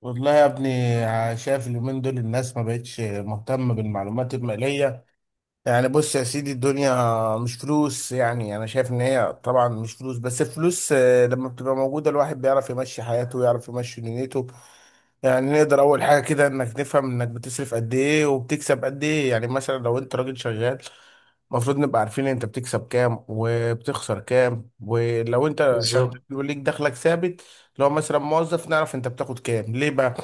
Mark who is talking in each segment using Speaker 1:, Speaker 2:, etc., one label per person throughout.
Speaker 1: والله يا ابني. شايف اليومين دول الناس ما بقتش مهتمة بالمعلومات المالية. يعني بص يا سيدي، الدنيا مش فلوس. يعني انا شايف ان هي طبعا مش فلوس، بس الفلوس لما بتبقى موجودة الواحد بيعرف يمشي حياته ويعرف يمشي دنيته. يعني نقدر اول حاجه كده انك نفهم انك بتصرف قد ايه وبتكسب قد ايه. يعني مثلا لو انت راجل شغال، المفروض نبقى عارفين انت بتكسب كام وبتخسر كام. ولو انت شغال
Speaker 2: بالظبط،
Speaker 1: وليك دخلك ثابت، لو مثلا موظف نعرف انت بتاخد كام. ليه بقى؟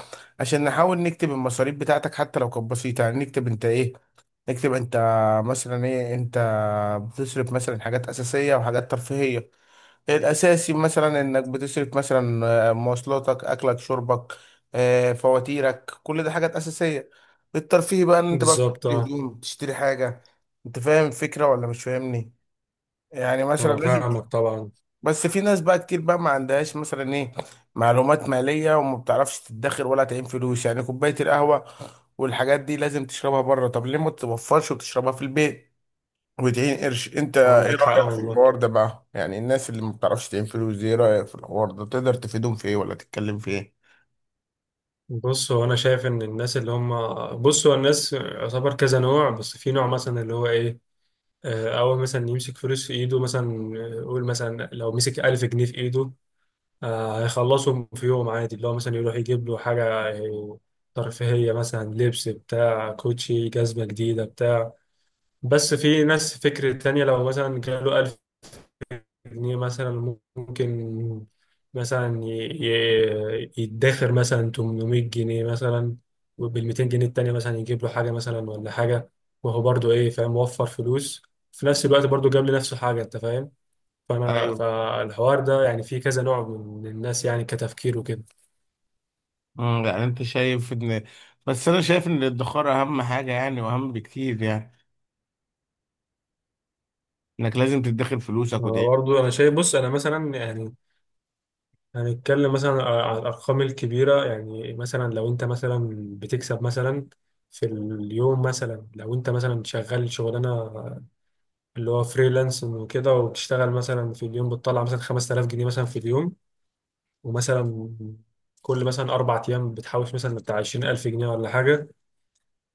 Speaker 1: عشان نحاول نكتب المصاريف بتاعتك حتى لو كانت بسيطه. يعني نكتب انت ايه، نكتب انت مثلا ايه. انت بتصرف مثلا حاجات اساسيه وحاجات ترفيهيه. الأساسي مثلا إنك بتصرف مثلا مواصلاتك، أكلك، شربك، فواتيرك. كل ده حاجات أساسية. الترفيه بقى إن أنت بقى
Speaker 2: بالظبط.
Speaker 1: بتشتري
Speaker 2: اه،
Speaker 1: هدوم، بتشتري حاجة. أنت فاهم الفكرة ولا مش فاهمني؟ يعني مثلا
Speaker 2: انا
Speaker 1: لازم
Speaker 2: فاهمك طبعا.
Speaker 1: بس في ناس بقى كتير بقى ما عندهاش مثلا إيه، معلومات مالية، وما بتعرفش تدخر ولا تعين فلوس. يعني كوباية القهوة والحاجات دي لازم تشربها بره؟ طب ليه ما تتوفرش وتشربها في البيت وتعين قرش؟ انت ايه
Speaker 2: عندك حق
Speaker 1: رأيك في
Speaker 2: والله.
Speaker 1: الحوار ده بقى؟ يعني الناس اللي ما بتعرفش تعين فلوس دي، ايه رأيك في الحوار ده؟ تقدر تفيدهم في ايه ولا تتكلم في ايه؟
Speaker 2: بص، هو انا شايف ان الناس اللي هم، بص هو الناس يعتبر كذا نوع. بس في نوع مثلا اللي هو ايه، اول مثلا يمسك فلوس في ايده مثلا. قول مثلا لو مسك 1000 جنيه في ايده، هيخلصهم في يوم عادي اللي هو مثلا يروح يجيب له حاجة آه، ترفيهية، مثلا لبس بتاع كوتشي، جزمة جديدة بتاع. بس في ناس فكر تانية، لو مثلا جاله جنيه مثلا ممكن مثلا يدخر مثلا 800 جنيه مثلا، وبال 200 جنيه التانية مثلا يجيب له حاجة مثلا ولا حاجة. وهو برضو إيه، فاهم وفر فلوس، في نفس الوقت برضو جاب لنفسه حاجة. أنت فاهم؟ فأنا
Speaker 1: ايوه.
Speaker 2: فالحوار ده يعني فيه كذا نوع من الناس يعني كتفكير وكده.
Speaker 1: يعني انت شايف ان بس انا شايف ان الادخار اهم حاجه، يعني واهم بكتير. يعني انك لازم تدخر فلوسك
Speaker 2: أنا
Speaker 1: وتعيش.
Speaker 2: برضو أنا شايف، بص أنا مثلا يعني هنتكلم مثلا على الأرقام الكبيرة. يعني مثلا لو أنت مثلا بتكسب مثلا في اليوم، مثلا لو أنت مثلا شغال شغلانة اللي هو فريلانس وكده، وبتشتغل مثلا في اليوم بتطلع مثلا 5000 جنيه مثلا في اليوم، ومثلا كل مثلا 4 أيام بتحوش مثلا بتاع 20000 جنيه ولا حاجة.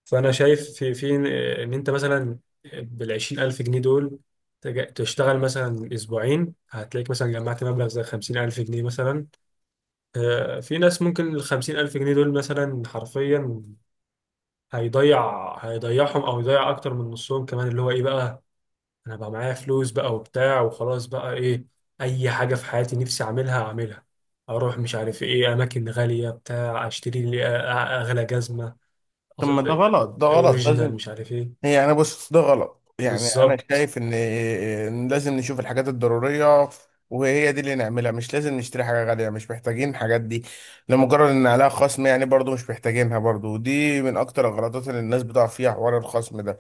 Speaker 2: فأنا شايف في إن أنت مثلا بال 20000 جنيه دول تشتغل مثلا أسبوعين هتلاقيك مثلا جمعت مبلغ زي 50000 جنيه مثلا. في ناس ممكن ال50000 جنيه دول مثلا حرفيا هيضيعهم أو يضيع أكتر من نصهم كمان. اللي هو إيه بقى، أنا بقى معايا فلوس بقى وبتاع وخلاص بقى، إيه، أي حاجة في حياتي نفسي أعملها أعملها. أروح مش عارف إيه أماكن غالية بتاع، أشتري لي أغلى جزمة
Speaker 1: طب
Speaker 2: أص-
Speaker 1: ما ده غلط، ده غلط
Speaker 2: أوريجينال،
Speaker 1: لازم.
Speaker 2: مش عارف إيه.
Speaker 1: هي انا بص ده غلط، يعني انا
Speaker 2: بالظبط
Speaker 1: شايف ان إن لازم نشوف الحاجات الضروريه وهي دي اللي نعملها. مش لازم نشتري حاجه غاليه، مش محتاجين الحاجات دي لمجرد ان عليها خصم. يعني برضو مش محتاجينها برضو، ودي من اكتر الغلطات اللي الناس بتقع فيها، حوار الخصم ده.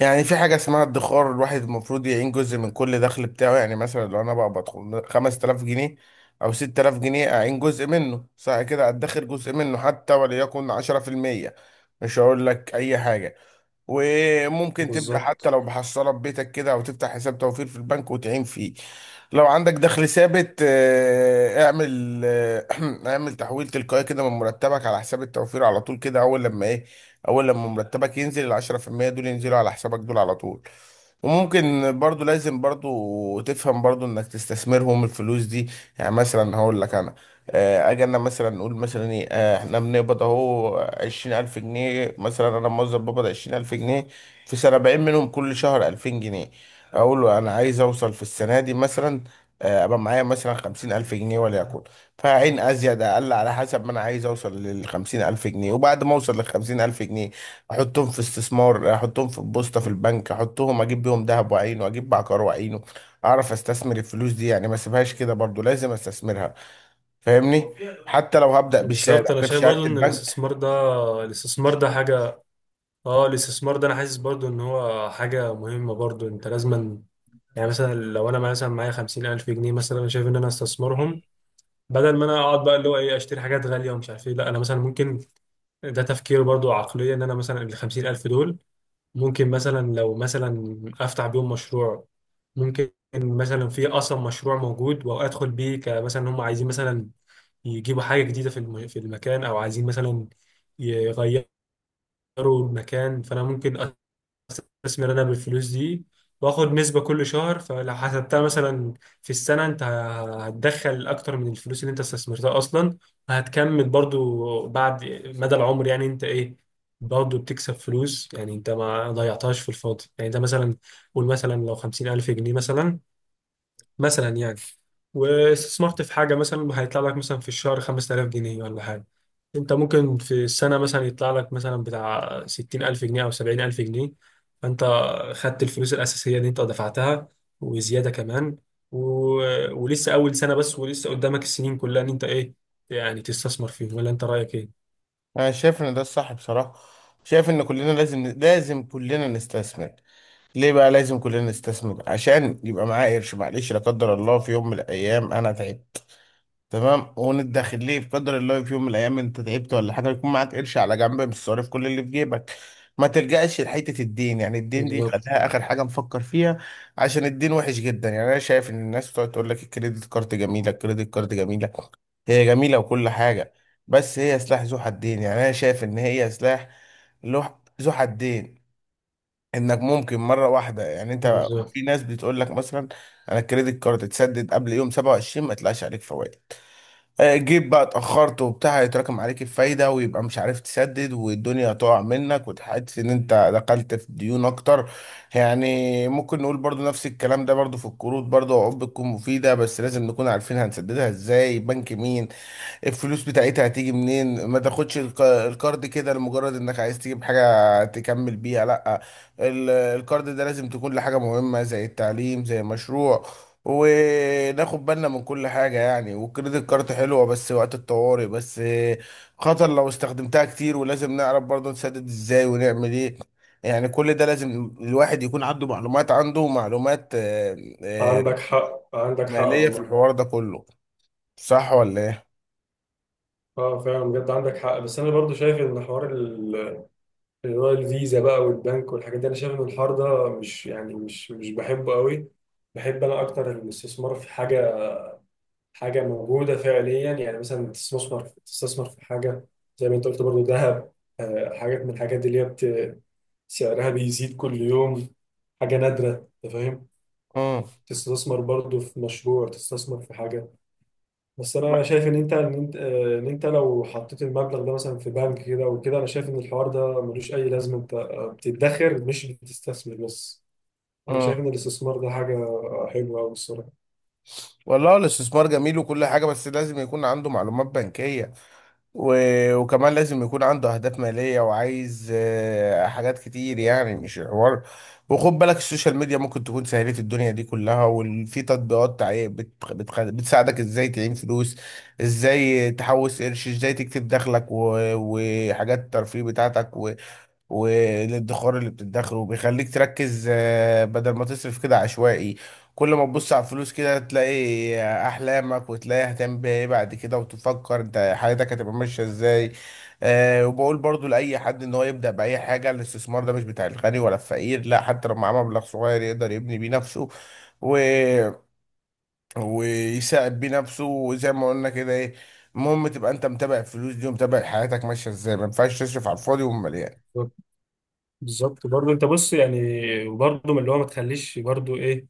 Speaker 1: يعني في حاجه اسمها ادخار، الواحد المفروض يعين جزء من كل دخل بتاعه. يعني مثلا لو انا بقى بدخل 5000 جنيه او 6000 جنيه، اعين جزء منه، صح كده، ادخر جزء منه حتى وليكن 10%. مش هقول لك اي حاجه. وممكن تبدأ حتى
Speaker 2: بالظبط
Speaker 1: لو بحصالة ببيتك كده، أو تفتح حساب توفير في البنك وتعين فيه. لو عندك دخل ثابت، اعمل اعمل تحويل تلقائي كده من مرتبك على حساب التوفير على طول كده. أول لما إيه، أول لما مرتبك ينزل، العشرة في المية دول ينزلوا على حسابك دول على طول. وممكن برضو لازم برضو تفهم برضو انك تستثمرهم الفلوس دي. يعني مثلا هقول لك انا، اجي انا مثلا نقول مثلا ايه، احنا بنقبض اهو 20000 جنيه. مثلا انا موظف بقبض 20000 جنيه في سنة، 40 منهم كل شهر 2000 جنيه. اقول له انا عايز اوصل في السنة دي مثلا، ابقى معايا مثلا 50000 جنيه وليكن. فعين ازيد اقل على حسب ما انا عايز اوصل للخمسين الف جنيه. وبعد ما اوصل للخمسين الف جنيه، احطهم في استثمار، احطهم في البوسطه في البنك، احطهم اجيب بيهم ذهب وعينه، اجيب عقار وعينه. اعرف استثمر الفلوس دي، يعني ما اسيبهاش كده. برضو لازم استثمرها. فاهمني؟ حتى لو هبدا
Speaker 2: بالظبط.
Speaker 1: بشهاده،
Speaker 2: أنا
Speaker 1: عارف
Speaker 2: شايف
Speaker 1: شهاده
Speaker 2: برضو إن
Speaker 1: البنك.
Speaker 2: الاستثمار ده، الاستثمار ده حاجة، اه الاستثمار ده انا حاسس برضو ان هو حاجة مهمة برضو انت لازما. يعني مثلا لو انا مثلا معايا 50000 جنيه، مثلا انا شايف ان انا استثمرهم بدل ما انا اقعد بقى اللي هو ايه اشتري حاجات غالية ومش عارف ايه، لا انا مثلا ممكن. ده تفكير برضو عقلية ان انا مثلا ال50000 دول ممكن مثلا، لو مثلا افتح بيهم مشروع. ممكن مثلا في اصلا مشروع موجود وادخل بيه، كمثلا هم عايزين مثلا يجيبوا حاجة جديدة في المكان، او عايزين مثلا يغيروا المكان. فانا ممكن استثمر انا بالفلوس دي واخد نسبة كل شهر. فلو حسبتها مثلا في السنة، انت هتدخل اكتر من الفلوس اللي انت استثمرتها اصلا، وهتكمل برضو بعد مدى العمر. يعني انت ايه، برضو بتكسب فلوس، يعني انت ما ضيعتهاش في الفاضي. يعني انت مثلا قول مثلا لو 50000 جنيه مثلا، مثلا يعني واستثمرت في حاجة، مثلا هيطلع لك مثلا في الشهر 5000 جنيه ولا حاجة. انت ممكن في السنة مثلا يطلع لك مثلا بتاع 60000 جنيه أو 70000 جنيه. فانت خدت الفلوس الأساسية اللي انت دفعتها وزيادة كمان. و... ولسه أول سنة بس، ولسه قدامك السنين كلها ان انت ايه يعني تستثمر فيه. ولا انت رأيك ايه؟
Speaker 1: انا شايف ان ده الصح بصراحه. شايف ان كلنا لازم كلنا نستثمر. ليه بقى لازم كلنا نستثمر؟ عشان يبقى معايا قرش، معلش، لا قدر الله في يوم من الايام انا تعبت. تمام، وندخل ليه، بقدر الله في يوم من الايام انت تعبت ولا حاجه يكون معاك قرش على جنب، مش صارف كل اللي في جيبك. ما تلجأش لحته الدين. يعني الدين دي
Speaker 2: بالظبط،
Speaker 1: خليها اخر حاجه نفكر فيها، عشان الدين وحش جدا. يعني انا شايف ان الناس بتقعد تقول لك الكريدت كارد جميله، الكريدت كارد جميله. هي جميله وكل حاجه، بس هي سلاح ذو حدين. يعني انا شايف ان هي سلاح ذو حدين. انك ممكن مره واحده، يعني انت
Speaker 2: بالظبط.
Speaker 1: في ناس بتقول لك مثلا انا الكريدت كارد تسدد قبل يوم 27 ما يطلعش عليك فوائد. جيت بقى اتأخرت وبتاع، هيتراكم عليك الفايدة ويبقى مش عارف تسدد والدنيا تقع منك وتحس ان انت دخلت في ديون اكتر. يعني ممكن نقول برضو نفس الكلام ده برضو في القروض، برضو عقود بتكون مفيدة بس لازم نكون عارفين هنسددها ازاي، بنك مين، الفلوس بتاعتها هتيجي منين. ما تاخدش الكارد كده لمجرد انك عايز تجيب حاجة تكمل بيها. لا، الكارد ده لازم تكون لحاجة مهمة، زي التعليم، زي مشروع. وناخد بالنا من كل حاجة. يعني والكريدت كارد حلوة بس وقت الطوارئ بس، خطر لو استخدمتها كتير. ولازم نعرف برضه نسدد ازاي ونعمل ايه. يعني كل ده لازم الواحد يكون عنده معلومات آه،
Speaker 2: عندك حق
Speaker 1: مالية في
Speaker 2: والله.
Speaker 1: الحوار ده كله. صح ولا ايه؟
Speaker 2: اه فعلا بجد عندك حق. بس انا برضو شايف ان حوار اللي هو الفيزا بقى والبنك والحاجات دي، انا شايف ان الحوار ده مش يعني مش بحبه قوي. بحب انا اكتر الاستثمار في حاجه، حاجه موجوده فعليا. يعني مثلا تستثمر في حاجه زي ما انت قلت برضه، ذهب، حاجات من الحاجات دي اللي هي سعرها بيزيد كل يوم. حاجه نادره، انت فاهم.
Speaker 1: مم.
Speaker 2: تستثمر برضه في مشروع، تستثمر في حاجه. بس انا شايف ان انت ان انت لو حطيت المبلغ ده مثلا في بنك كده وكده، انا شايف ان الحوار ده ملوش اي لازمه. انت بتدخر مش بتستثمر بس. انا شايف
Speaker 1: مم.
Speaker 2: ان الاستثمار ده حاجه حلوه قوي الصراحه.
Speaker 1: والله الاستثمار جميل وكل حاجة، بس لازم يكون عنده معلومات بنكية، و... وكمان لازم يكون عنده أهداف مالية وعايز حاجات كتير. يعني مش حوار. وخد بالك السوشيال ميديا ممكن تكون سهلت الدنيا دي كلها، وفي تطبيقات بتساعدك ازاي تعين فلوس، ازاي تحوش قرش، ازاي تكتب دخلك، وحاجات الترفيه بتاعتك، والادخار اللي بتدخره، وبيخليك تركز بدل ما تصرف كده عشوائي. كل ما تبص على الفلوس كده تلاقي احلامك وتلاقي هتعمل بيها ايه بعد كده، وتفكر انت حياتك هتبقى ماشيه ازاي. أه، وبقول برضو لاي حد ان هو يبدا باي حاجه. الاستثمار ده مش بتاع الغني ولا الفقير، لا، حتى لو معاه مبلغ صغير يقدر يبني بيه نفسه و... ويساعد بيه نفسه. وزي ما قلنا كده ايه، المهم تبقى انت متابع الفلوس دي ومتابع حياتك ماشيه ازاي. ما ينفعش تصرف على الفاضي ومليان.
Speaker 2: بالظبط، بالظبط برضه. انت بص يعني برضه من اللي هو ما تخليش برضه ايه،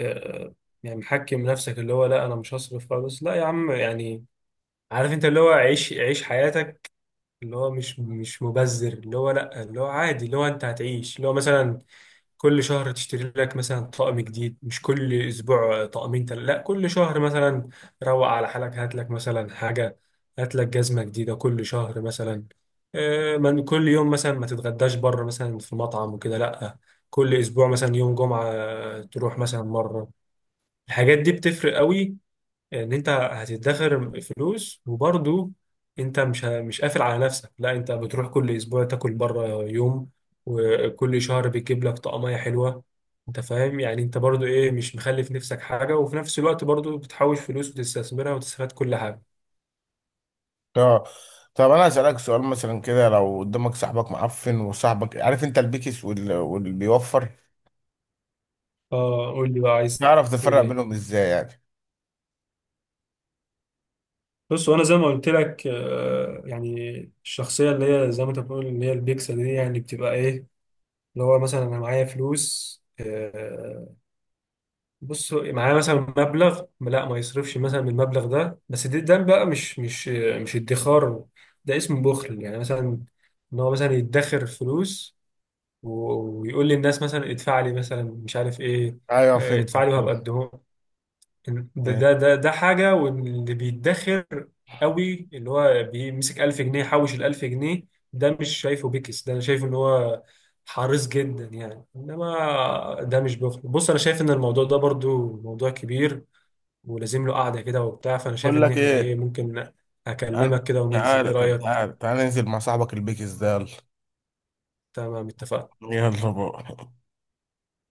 Speaker 2: آه، يعني محكم نفسك اللي هو لا انا مش هصرف خالص. لا يا عم يعني عارف، انت اللي هو عيش عيش حياتك، اللي هو مش مبذر، اللي هو لا، اللي هو عادي، اللي هو انت هتعيش اللي هو مثلا كل شهر تشتري لك مثلا طقم جديد مش كل اسبوع طقمين، لا كل شهر مثلا. روق على حالك، هات لك مثلا حاجه، هات لك جزمه جديده كل شهر مثلا. من كل يوم مثلا ما تتغداش بره مثلا في مطعم وكده، لا كل اسبوع مثلا يوم جمعه تروح مثلا مره. الحاجات دي بتفرق قوي، ان انت هتدخر فلوس وبرضو انت مش قافل على نفسك. لا انت بتروح كل اسبوع تاكل بره يوم، وكل شهر بتجيب لك طقمية حلوة. انت فاهم؟ يعني انت برضو ايه مش مخلف نفسك حاجة، وفي نفس الوقت برضو بتحوش فلوس وتستثمرها وتستفاد كل حاجة.
Speaker 1: اه، طب انا هسألك سؤال مثلا كده. لو قدامك صاحبك معفن وصاحبك عارف انت البيكس واللي بيوفر،
Speaker 2: اه، قول لي بقى عايز
Speaker 1: تعرف
Speaker 2: تقول
Speaker 1: تفرق
Speaker 2: ايه.
Speaker 1: بينهم ازاي يعني؟
Speaker 2: بص، وانا زي ما قلت لك، يعني الشخصية اللي هي زي ما انت بتقول اللي هي البيكسل دي، يعني بتبقى ايه اللي هو مثلا انا معايا فلوس، بص معاه مثلا مبلغ لا ما يصرفش مثلا من المبلغ ده. بس ده بقى مش ادخار، ده اسمه بخل. يعني مثلا ان هو مثلا يدخر فلوس ويقول للناس مثلا ادفع لي مثلا مش عارف ايه،
Speaker 1: ايوه
Speaker 2: اه، ادفع
Speaker 1: فهمتك.
Speaker 2: لي وهبقى اديهم. ده ده
Speaker 1: فهمت.
Speaker 2: ده ده حاجة. واللي بيدخر قوي اللي هو بيمسك 1000 جنيه حوش ال 1000 جنيه، ده مش شايفه بيكس، ده انا شايف ان هو حريص جدا. يعني انما ده مش بخل. بص انا شايف ان الموضوع ده برضو موضوع كبير ولازم له قعدة كده وبتاع. فانا شايف
Speaker 1: بقول
Speaker 2: ان
Speaker 1: لك
Speaker 2: احنا ايه
Speaker 1: ايه،
Speaker 2: ممكن
Speaker 1: تعال.
Speaker 2: اكلمك كده وننزل، ايه
Speaker 1: تعال، طب
Speaker 2: رأيك؟
Speaker 1: تعال، تعال ننزل مع صاحبك البيكس ده.
Speaker 2: تمام، اتفقنا.
Speaker 1: يلا يلا بقى.